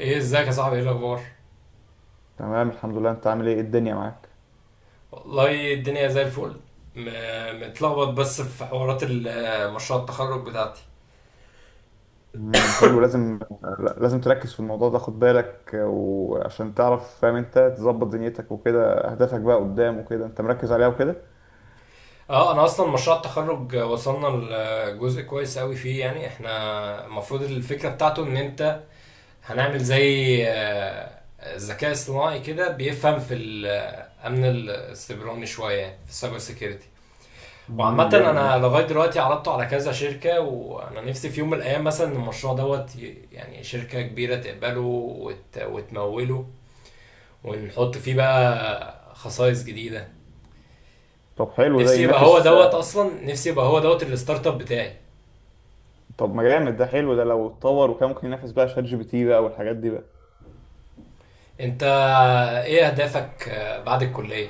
ايه ازيك يا صاحبي؟ ايه الاخبار؟ تمام، الحمد لله. انت عامل ايه؟ الدنيا معاك؟ والله الدنيا زي الفل. متلخبط بس في حوارات مشروع التخرج بتاعتي. حلو. لازم تركز في الموضوع ده، خد بالك، وعشان تعرف فاهم انت، تظبط دنيتك وكده، اهدافك بقى قدام وكده انت مركز عليها وكده. اه، انا اصلا مشروع التخرج وصلنا لجزء كويس قوي فيه. يعني احنا المفروض الفكره بتاعته ان انت هنعمل زي ذكاء اصطناعي كده بيفهم في الامن السيبراني شويه، يعني في السايبر سيكيورتي. وعامة جامد ده. أنا لغاية دلوقتي عرضته على كذا شركة، وأنا نفسي في يوم من الأيام مثلا المشروع يعني شركة كبيرة تقبله وتموله، ونحط فيه بقى خصائص جديدة. طب حلو ده نفسي يبقى هو ينافس. دوت أصلا نفسي يبقى هو دوت الستارت اب بتاعي. طب ما جامد ده، حلو ده لو اتطور وكان ممكن ينافس بقى شات GPT بقى والحاجات دي بقى. أنت إيه أهدافك بعد الكلية؟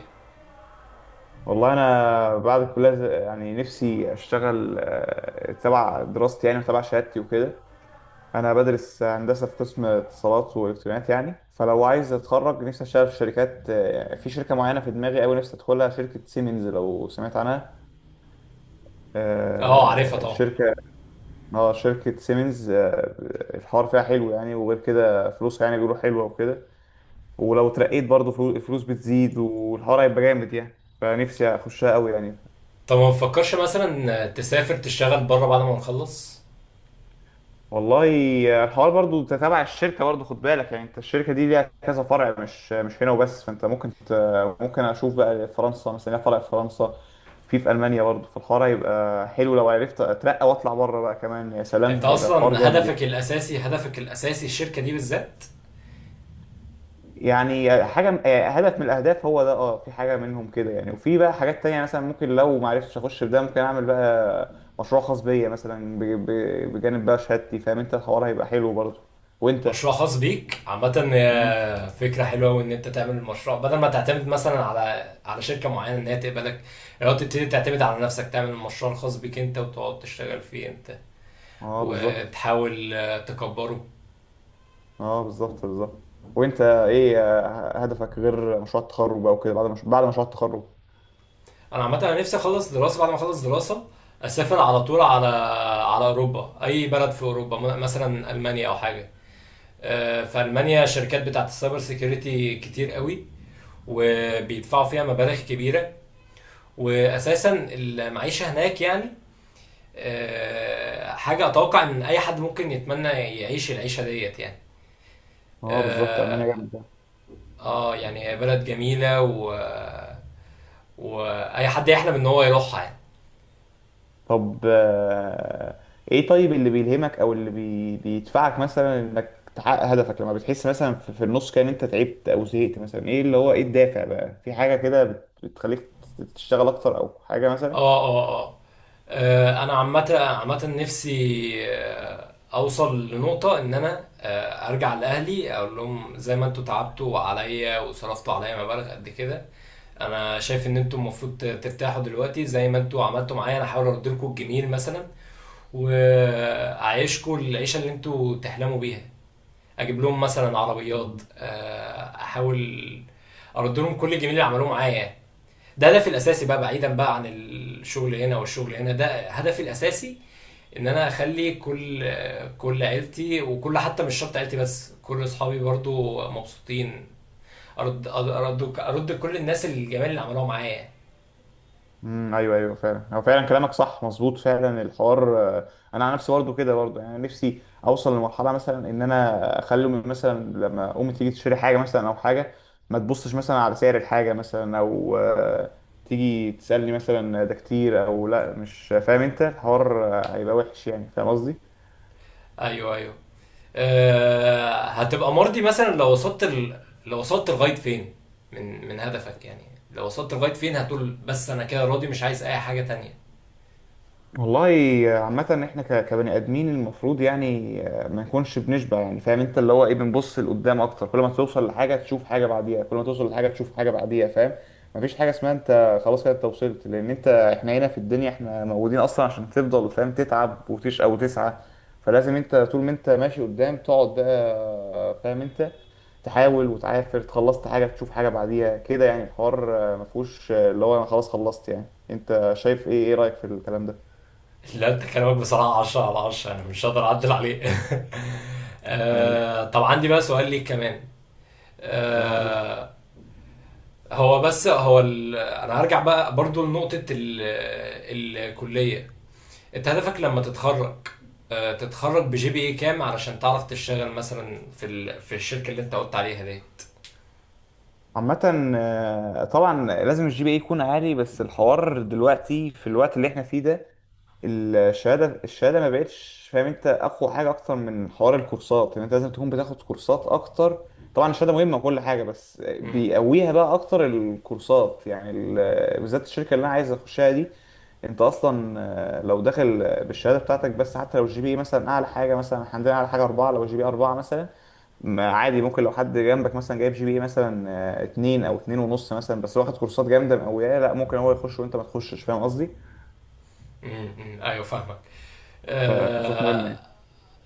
والله انا بعد الكليه يعني نفسي اشتغل، تبع دراستي يعني وتبع شهادتي وكده. انا بدرس هندسه في قسم اتصالات والكترونيات، يعني فلو عايز اتخرج نفسي اشتغل في شركات، في شركه معينه في دماغي قوي نفسي ادخلها، شركه سيمنز لو سمعت عنها. أه، عارفها طبعا. شركه. اه، شركه سيمنز. الحوار فيها حلو يعني، وغير كده فلوسها يعني بيقولوا حلوه وكده. ولو اترقيت برضه الفلوس بتزيد والحوار هيبقى جامد يعني. فنفسي اخشها قوي يعني. طب ما تفكرش مثلا تسافر تشتغل بره بعد ما نخلص؟ والله الحوار برضو انت تبع الشركه برضو، خد بالك يعني، انت الشركه دي ليها كذا فرع، مش هنا وبس، فانت ممكن ممكن اشوف بقى فرنسا مثلا، ليها فرع في فرنسا، في المانيا برضو، فالحوار هيبقى حلو لو عرفت اترقى واطلع بره بقى كمان. يا سلام، أنت هيبقى الحوار أصلا جامد. هدفك الأساسي، الشركة دي بالذات؟ يعني حاجه، هدف من الاهداف هو ده. اه، في حاجه منهم كده يعني، وفي بقى حاجات تانية. مثلا ممكن لو ما عرفتش اخش في ده، ممكن اعمل بقى مشروع خاص بيا مثلا، بجانب بقى شهادتي. فاهم انت الحوار هيبقى حلو برضو. وانت؟ مشروع خاص بيك عامة مم. فكرة حلوة، وان انت تعمل المشروع بدل ما تعتمد مثلا على شركة معينة ان هي تقبلك. لو تبتدي تعتمد على نفسك، تعمل المشروع الخاص بيك انت، وتقعد تشتغل فيه انت اه بالظبط. وتحاول تكبره. اه، بالظبط بالظبط. وانت ايه هدفك غير مشروع التخرج بقى وكده؟ بعد مش... بعد مشروع التخرج؟ انا عامة انا نفسي اخلص دراسة. بعد ما اخلص دراسة اسافر على طول على على اوروبا، اي بلد في اوروبا، مثلا المانيا او حاجة. في المانيا الشركات بتاعت السايبر سيكيورتي كتير قوي، وبيدفعوا فيها مبالغ كبيرة. واساسا المعيشة هناك يعني حاجة أتوقع إن أي حد ممكن يتمنى يعيش العيشة ديت يعني. اه بالظبط، المانيا آه. جامده. يعني هي بلد جميلة وأي حد يحلم إن هو يروحها يعني. طب ايه، طيب اللي بيلهمك، او اللي بيدفعك مثلا انك تحقق هدفك لما بتحس مثلا في النص كده ان انت تعبت او زهقت مثلا، ايه اللي هو ايه الدافع بقى؟ في حاجه كده بتخليك تشتغل اكتر او حاجه مثلا؟ آه آه آه أنا عامة نفسي أوصل لنقطة إن أنا أرجع لأهلي أقول لهم زي ما أنتوا تعبتوا عليا وصرفتوا عليا مبالغ قد كده. أنا شايف إن أنتوا المفروض ترتاحوا دلوقتي. زي ما أنتوا عملتوا معايا، أنا هحاول أرد لكم الجميل مثلا، واعيشكوا العيشه اللي انتوا تحلموا بيها. اجيب لهم مثلا عربيات، احاول ارد لهم كل الجميل اللي عملوه معايا يعني. ده هدفي الاساسي بقى، بعيدا بقى عن الشغل هنا، والشغل هنا ده هدفي الاساسي. ان انا اخلي كل كل عيلتي، وكل، حتى مش شرط عيلتي بس، كل اصحابي برضو مبسوطين. ارد كل الناس الجمال اللي عملوها معايا. ايوه ايوه، فعلا هو فعلا كلامك صح مظبوط فعلا. الحوار انا على نفسي برضه كده برضه يعني، نفسي اوصل لمرحله مثلا ان انا اخلي امي مثلا، لما امي تيجي تشتري حاجه مثلا او حاجه، ما تبصش مثلا على سعر الحاجه مثلا، او تيجي تسالني مثلا ده كتير او لا. مش فاهم انت الحوار هيبقى وحش يعني. فاهم قصدي؟ ايوه، ايوه. هتبقى مرضي مثلا لو وصلت لو وصلت لغايه فين من هدفك يعني؟ لو وصلت لغايه فين هتقول بس انا كده راضي مش عايز اي حاجه تانية؟ والله عامة احنا كبني ادمين المفروض يعني ما نكونش بنشبع. يعني فاهم انت اللي هو ايه، بنبص لقدام اكتر. كل ما توصل لحاجة تشوف حاجة بعديها، كل ما توصل لحاجة تشوف حاجة بعديها، فاهم. مفيش حاجة اسمها انت خلاص كده انت وصلت، لان انت احنا هنا في الدنيا احنا موجودين اصلا عشان تفضل فاهم تتعب وتشقى وتسعى. فلازم انت طول ما انت ماشي قدام تقعد بقى فاهم انت، تحاول وتعافر. خلصت حاجة تشوف حاجة بعديها كده يعني. الحوار مفهوش اللي هو انا خلاص خلصت يعني. انت شايف ايه؟ ايه رأيك في الكلام ده؟ لا، انت كلامك بصراحه 10 على 10، انا مش هقدر اعدل عليه. طيب. طب عندي بقى سؤال ليك كمان. واو. آه، هو بس هو انا هرجع بقى برضو لنقطه الكليه. انت هدفك لما تتخرج، تتخرج بجي بي اي كام علشان تعرف تشتغل مثلا في في الشركه اللي انت قلت عليها دي؟ عامة طبعا لازم الGPA يكون عالي، بس الحوار دلوقتي في الوقت اللي احنا فيه ده، الشهادة ما بقتش فاهم انت اقوى حاجة اكتر من حوار الكورسات يعني. انت لازم تكون بتاخد كورسات اكتر. طبعا الشهادة مهمة وكل حاجة، بس مم. بيقويها بقى اكتر الكورسات يعني، بالذات الشركة اللي انا عايز اخشها دي. انت اصلا لو داخل بالشهادة بتاعتك بس، حتى لو الGPA مثلا اعلى حاجة مثلا، إحنا عندنا اعلى حاجة 4، لو الجي بي اي 4 مثلا، ما عادي، ممكن لو حد جنبك مثلا جايب GPA مثلا 2 او 2.5 مثلا، بس واخد كورسات جامده مقوياه، لا ممكن هو يخش وانت ما تخشش. فاهم قصدي؟ امم، ايوه فاهمك. فكورسات مهمه آه، يعني.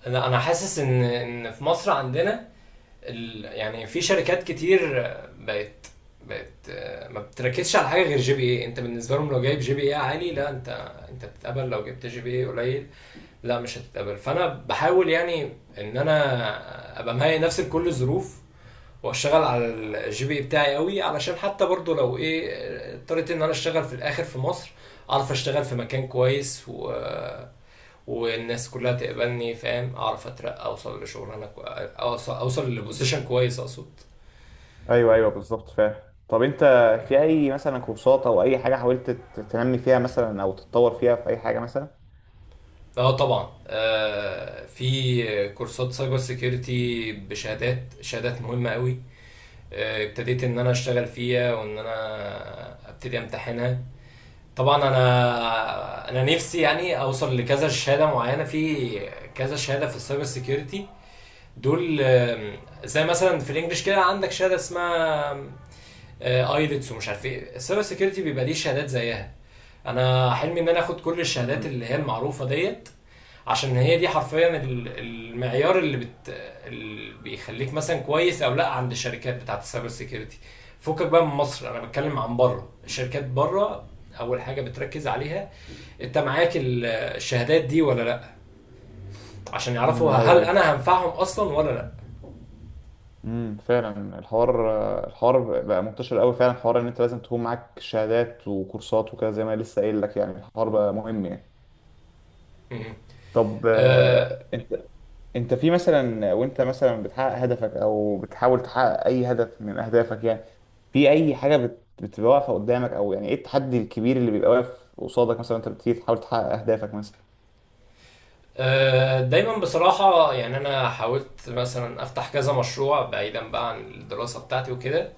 انا حاسس ان في مصر عندنا يعني في شركات كتير بقت، ما بتركزش على حاجه غير جي بي اي. انت بالنسبه لهم لو جايب جي بي اي عالي، لا انت انت بتتقبل. لو جبت جي بي اي قليل، لا مش هتتقبل. فانا بحاول يعني ان انا ابقى مهيئ نفسي لكل الظروف، واشتغل على الجي بي اي بتاعي قوي، علشان حتى برضو لو ايه اضطريت ان انا اشتغل في الاخر في مصر، اعرف اشتغل في مكان كويس و آه، والناس كلها تقبلني، فاهم؟ اعرف اترقى، اوصل اوصل لبوزيشن كويس اقصد. ايوه ايوه بالظبط فاهم. طب انت في اي مثلا كورسات او اي حاجه حاولت تنمي فيها مثلا او تتطور فيها في اي حاجه مثلا؟ اه طبعا. في كورسات سايبر سيكيورتي بشهادات، مهمه قوي. آه، ابتديت ان انا اشتغل فيها وان انا ابتدي امتحنها. طبعا انا نفسي يعني اوصل لكذا شهاده معينه في، كذا شهاده في السايبر سيكيورتي دول. زي مثلا في الانجليش كده عندك شهاده اسمها ايلتس. ومش عارف ايه، السايبر سيكيورتي بيبقى ليه شهادات زيها، انا حلمي ان انا اخد كل الشهادات مم. اللي هي المعروفه ديت. عشان هي دي حرفيا المعيار اللي اللي بيخليك مثلا كويس او لا عند الشركات بتاعت السايبر سيكيورتي. فكك بقى من مصر، انا بتكلم عن بره. الشركات بره اول حاجه بتركز عليها انت معاك الشهادات دي ولا لا، عشان يعرفوا ايوه هل ايوه. انا هنفعهم اصلا ولا لا. فعلا الحوار، الحوار بقى منتشر قوي فعلا، حوار ان انت لازم تكون معاك شهادات وكورسات وكده، زي ما لسه قايل لك يعني. الحوار بقى مهم يعني. مم. طب آه، انت في مثلا وانت مثلا بتحقق هدفك او بتحاول تحقق اي هدف من اهدافك يعني، في اي حاجه بتبقى واقفه قدامك؟ او يعني ايه التحدي الكبير اللي بيبقى واقف قصادك مثلا انت بتيجي تحاول تحقق اهدافك مثلا؟ دايما بصراحة يعني أنا حاولت مثلا أفتح كذا مشروع بعيدا بقى عن الدراسة بتاعتي وكده.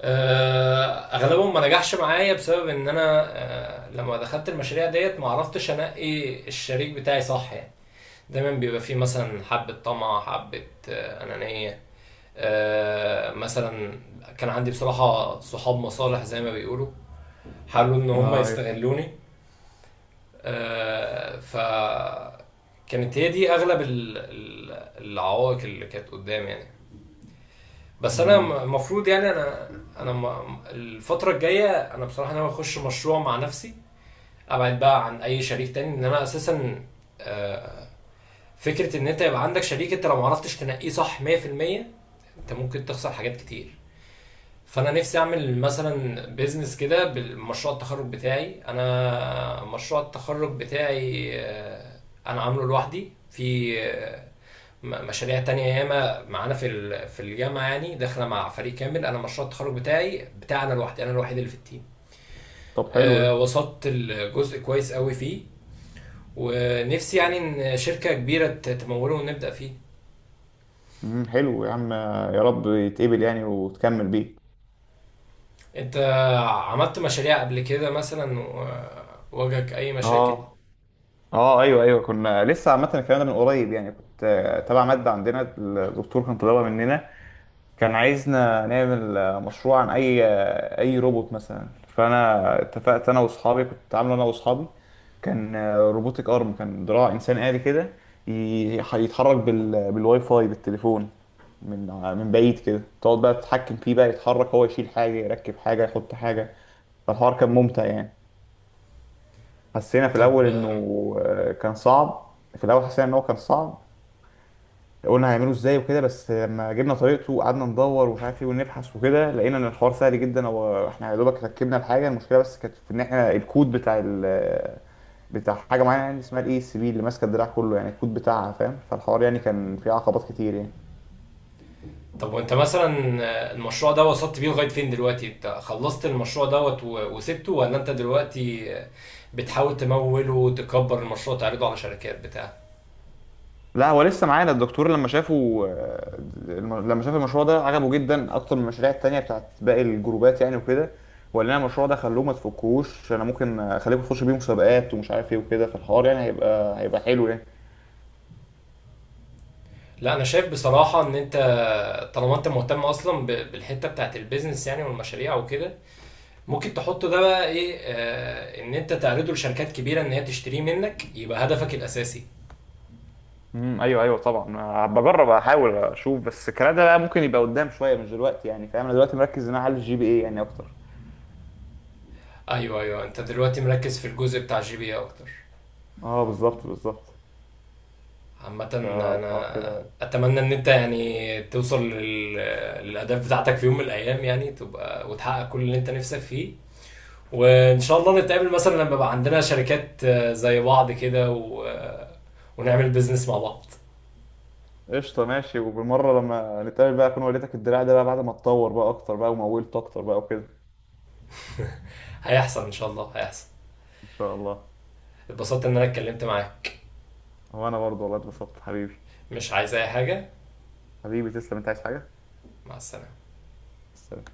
أغلبهم ما نجحش معايا بسبب إن أنا لما دخلت المشاريع ديت ما عرفتش أنقي الشريك بتاعي صح يعني. دايما بيبقى فيه مثلا حبة طمع، حبة أنانية. مثلا كان عندي بصراحة صحاب مصالح زي ما بيقولوا، حاولوا إن هم اه ايوه. يستغلوني. ف كانت هي دي اغلب العوائق اللي كانت قدامي يعني. بس انا مم. المفروض يعني انا، انا الفتره الجايه انا بصراحه ناوي اخش مشروع مع نفسي، ابعد بقى عن اي شريك تاني. ان انا اساسا آه، فكره ان انت يبقى عندك شريك انت لو معرفتش تنقيه صح 100%، انت ممكن تخسر حاجات كتير. فانا نفسي اعمل مثلا بيزنس كده بالمشروع التخرج بتاعي. انا مشروع التخرج بتاعي انا عامله لوحدي. في مشاريع تانية ياما معانا في في الجامعة يعني داخلة مع فريق كامل. أنا مشروع التخرج بتاعي بتاع أنا لوحدي، أنا الوحيد اللي في التيم. طب حلو ده. وصلت الجزء كويس قوي فيه، ونفسي يعني إن شركة كبيرة تموله ونبدأ فيه. مم، حلو يا عم. يا رب يتقبل يعني وتكمل بيه. أنت عملت مشاريع قبل كده مثلا، وواجهك أي مشاكل؟ اه. اه ايوه ايوه، كنا لسه عامه الكلام ده من قريب يعني. كنت تبع ماده عندنا الدكتور كان طالبها مننا، كان عايزنا نعمل مشروع عن اي، اي روبوت مثلا. فانا اتفقت انا واصحابي، كنت عامله انا واصحابي، كان روبوتك ارم، كان دراع انسان آلي كده، يتحرك بالواي فاي بالتليفون، من من بعيد كده، تقعد بقى تتحكم فيه بقى يتحرك هو، يشيل حاجه، يركب حاجه، يحط حاجه. فالحوار كان ممتع يعني. حسينا في الاول طب انه آه، كان صعب. في الاول حسينا ان هو كان صعب، قلنا هيعملوا ازاي وكده، بس لما جبنا طريقته وقعدنا ندور ومش عارف ايه ونبحث وكده، لقينا ان الحوار سهل جدا، هو احنا يا دوبك ركبنا الحاجه. المشكله بس كانت في ان احنا الكود بتاع ال بتاع حاجه معينه يعني، اسمها الICB اللي ماسكه الدراع كله يعني، الكود بتاعها فاهم. فالحوار يعني كان فيه عقبات كتير يعني. طب وانت مثلا، المشروع ده وصلت بيه لغاية فين دلوقتي؟ انت خلصت المشروع وسبته، ولا انت دلوقتي بتحاول تموله وتكبر المشروع، تعرضه على شركات بتاع؟ لا، هو لسه معانا الدكتور لما شافه، لما شاف المشروع ده عجبه جدا اكتر من المشاريع التانية بتاعت باقي الجروبات يعني وكده. وقال لنا المشروع ده خلوه ما تفكوش، انا ممكن اخليكم تخشوا بيه مسابقات ومش عارف ايه وكده. فالحوار يعني هيبقى حلو يعني. لا، انا شايف بصراحة ان انت طالما انت مهتم اصلا بالحتة بتاعت البيزنس يعني والمشاريع وكده، ممكن تحطه ده بقى ايه، آه، ان انت تعرضه لشركات كبيرة ان هي تشتريه منك، يبقى هدفك الاساسي. ايوه ايوه طبعا. بجرب احاول اشوف، بس الكلام ده بقى ممكن يبقى قدام شويه مش دلوقتي يعني فاهم. انا دلوقتي مركز ان انا اعلي الGPA يعني اكتر. ايوه، ايوه، انت دلوقتي مركز في الجزء بتاع جي بي اكتر. اه بالظبط بالظبط. عامة فالحوار أنا كده. أتمنى إن أنت يعني توصل للأهداف بتاعتك في يوم من الأيام، يعني تبقى وتحقق كل اللي أنت نفسك فيه، وإن شاء الله نتقابل مثلا لما يبقى عندنا شركات زي بعض كده و... آه، ونعمل بيزنس مع بعض. قشطه ماشي. وبالمره لما نتقابل بقى اكون وريتك الدراع ده بقى بعد ما اتطور بقى اكتر بقى ومولت اكتر بقى وكده. هيحصل إن شاء الله، هيحصل. ان شاء الله. اتبسطت إن أنا اتكلمت معاك. وانا برضه والله اتبسطت حبيبي. مش عايز أي حاجة. حبيبي تسلم، انت عايز حاجه؟ مع السلامة. السلام.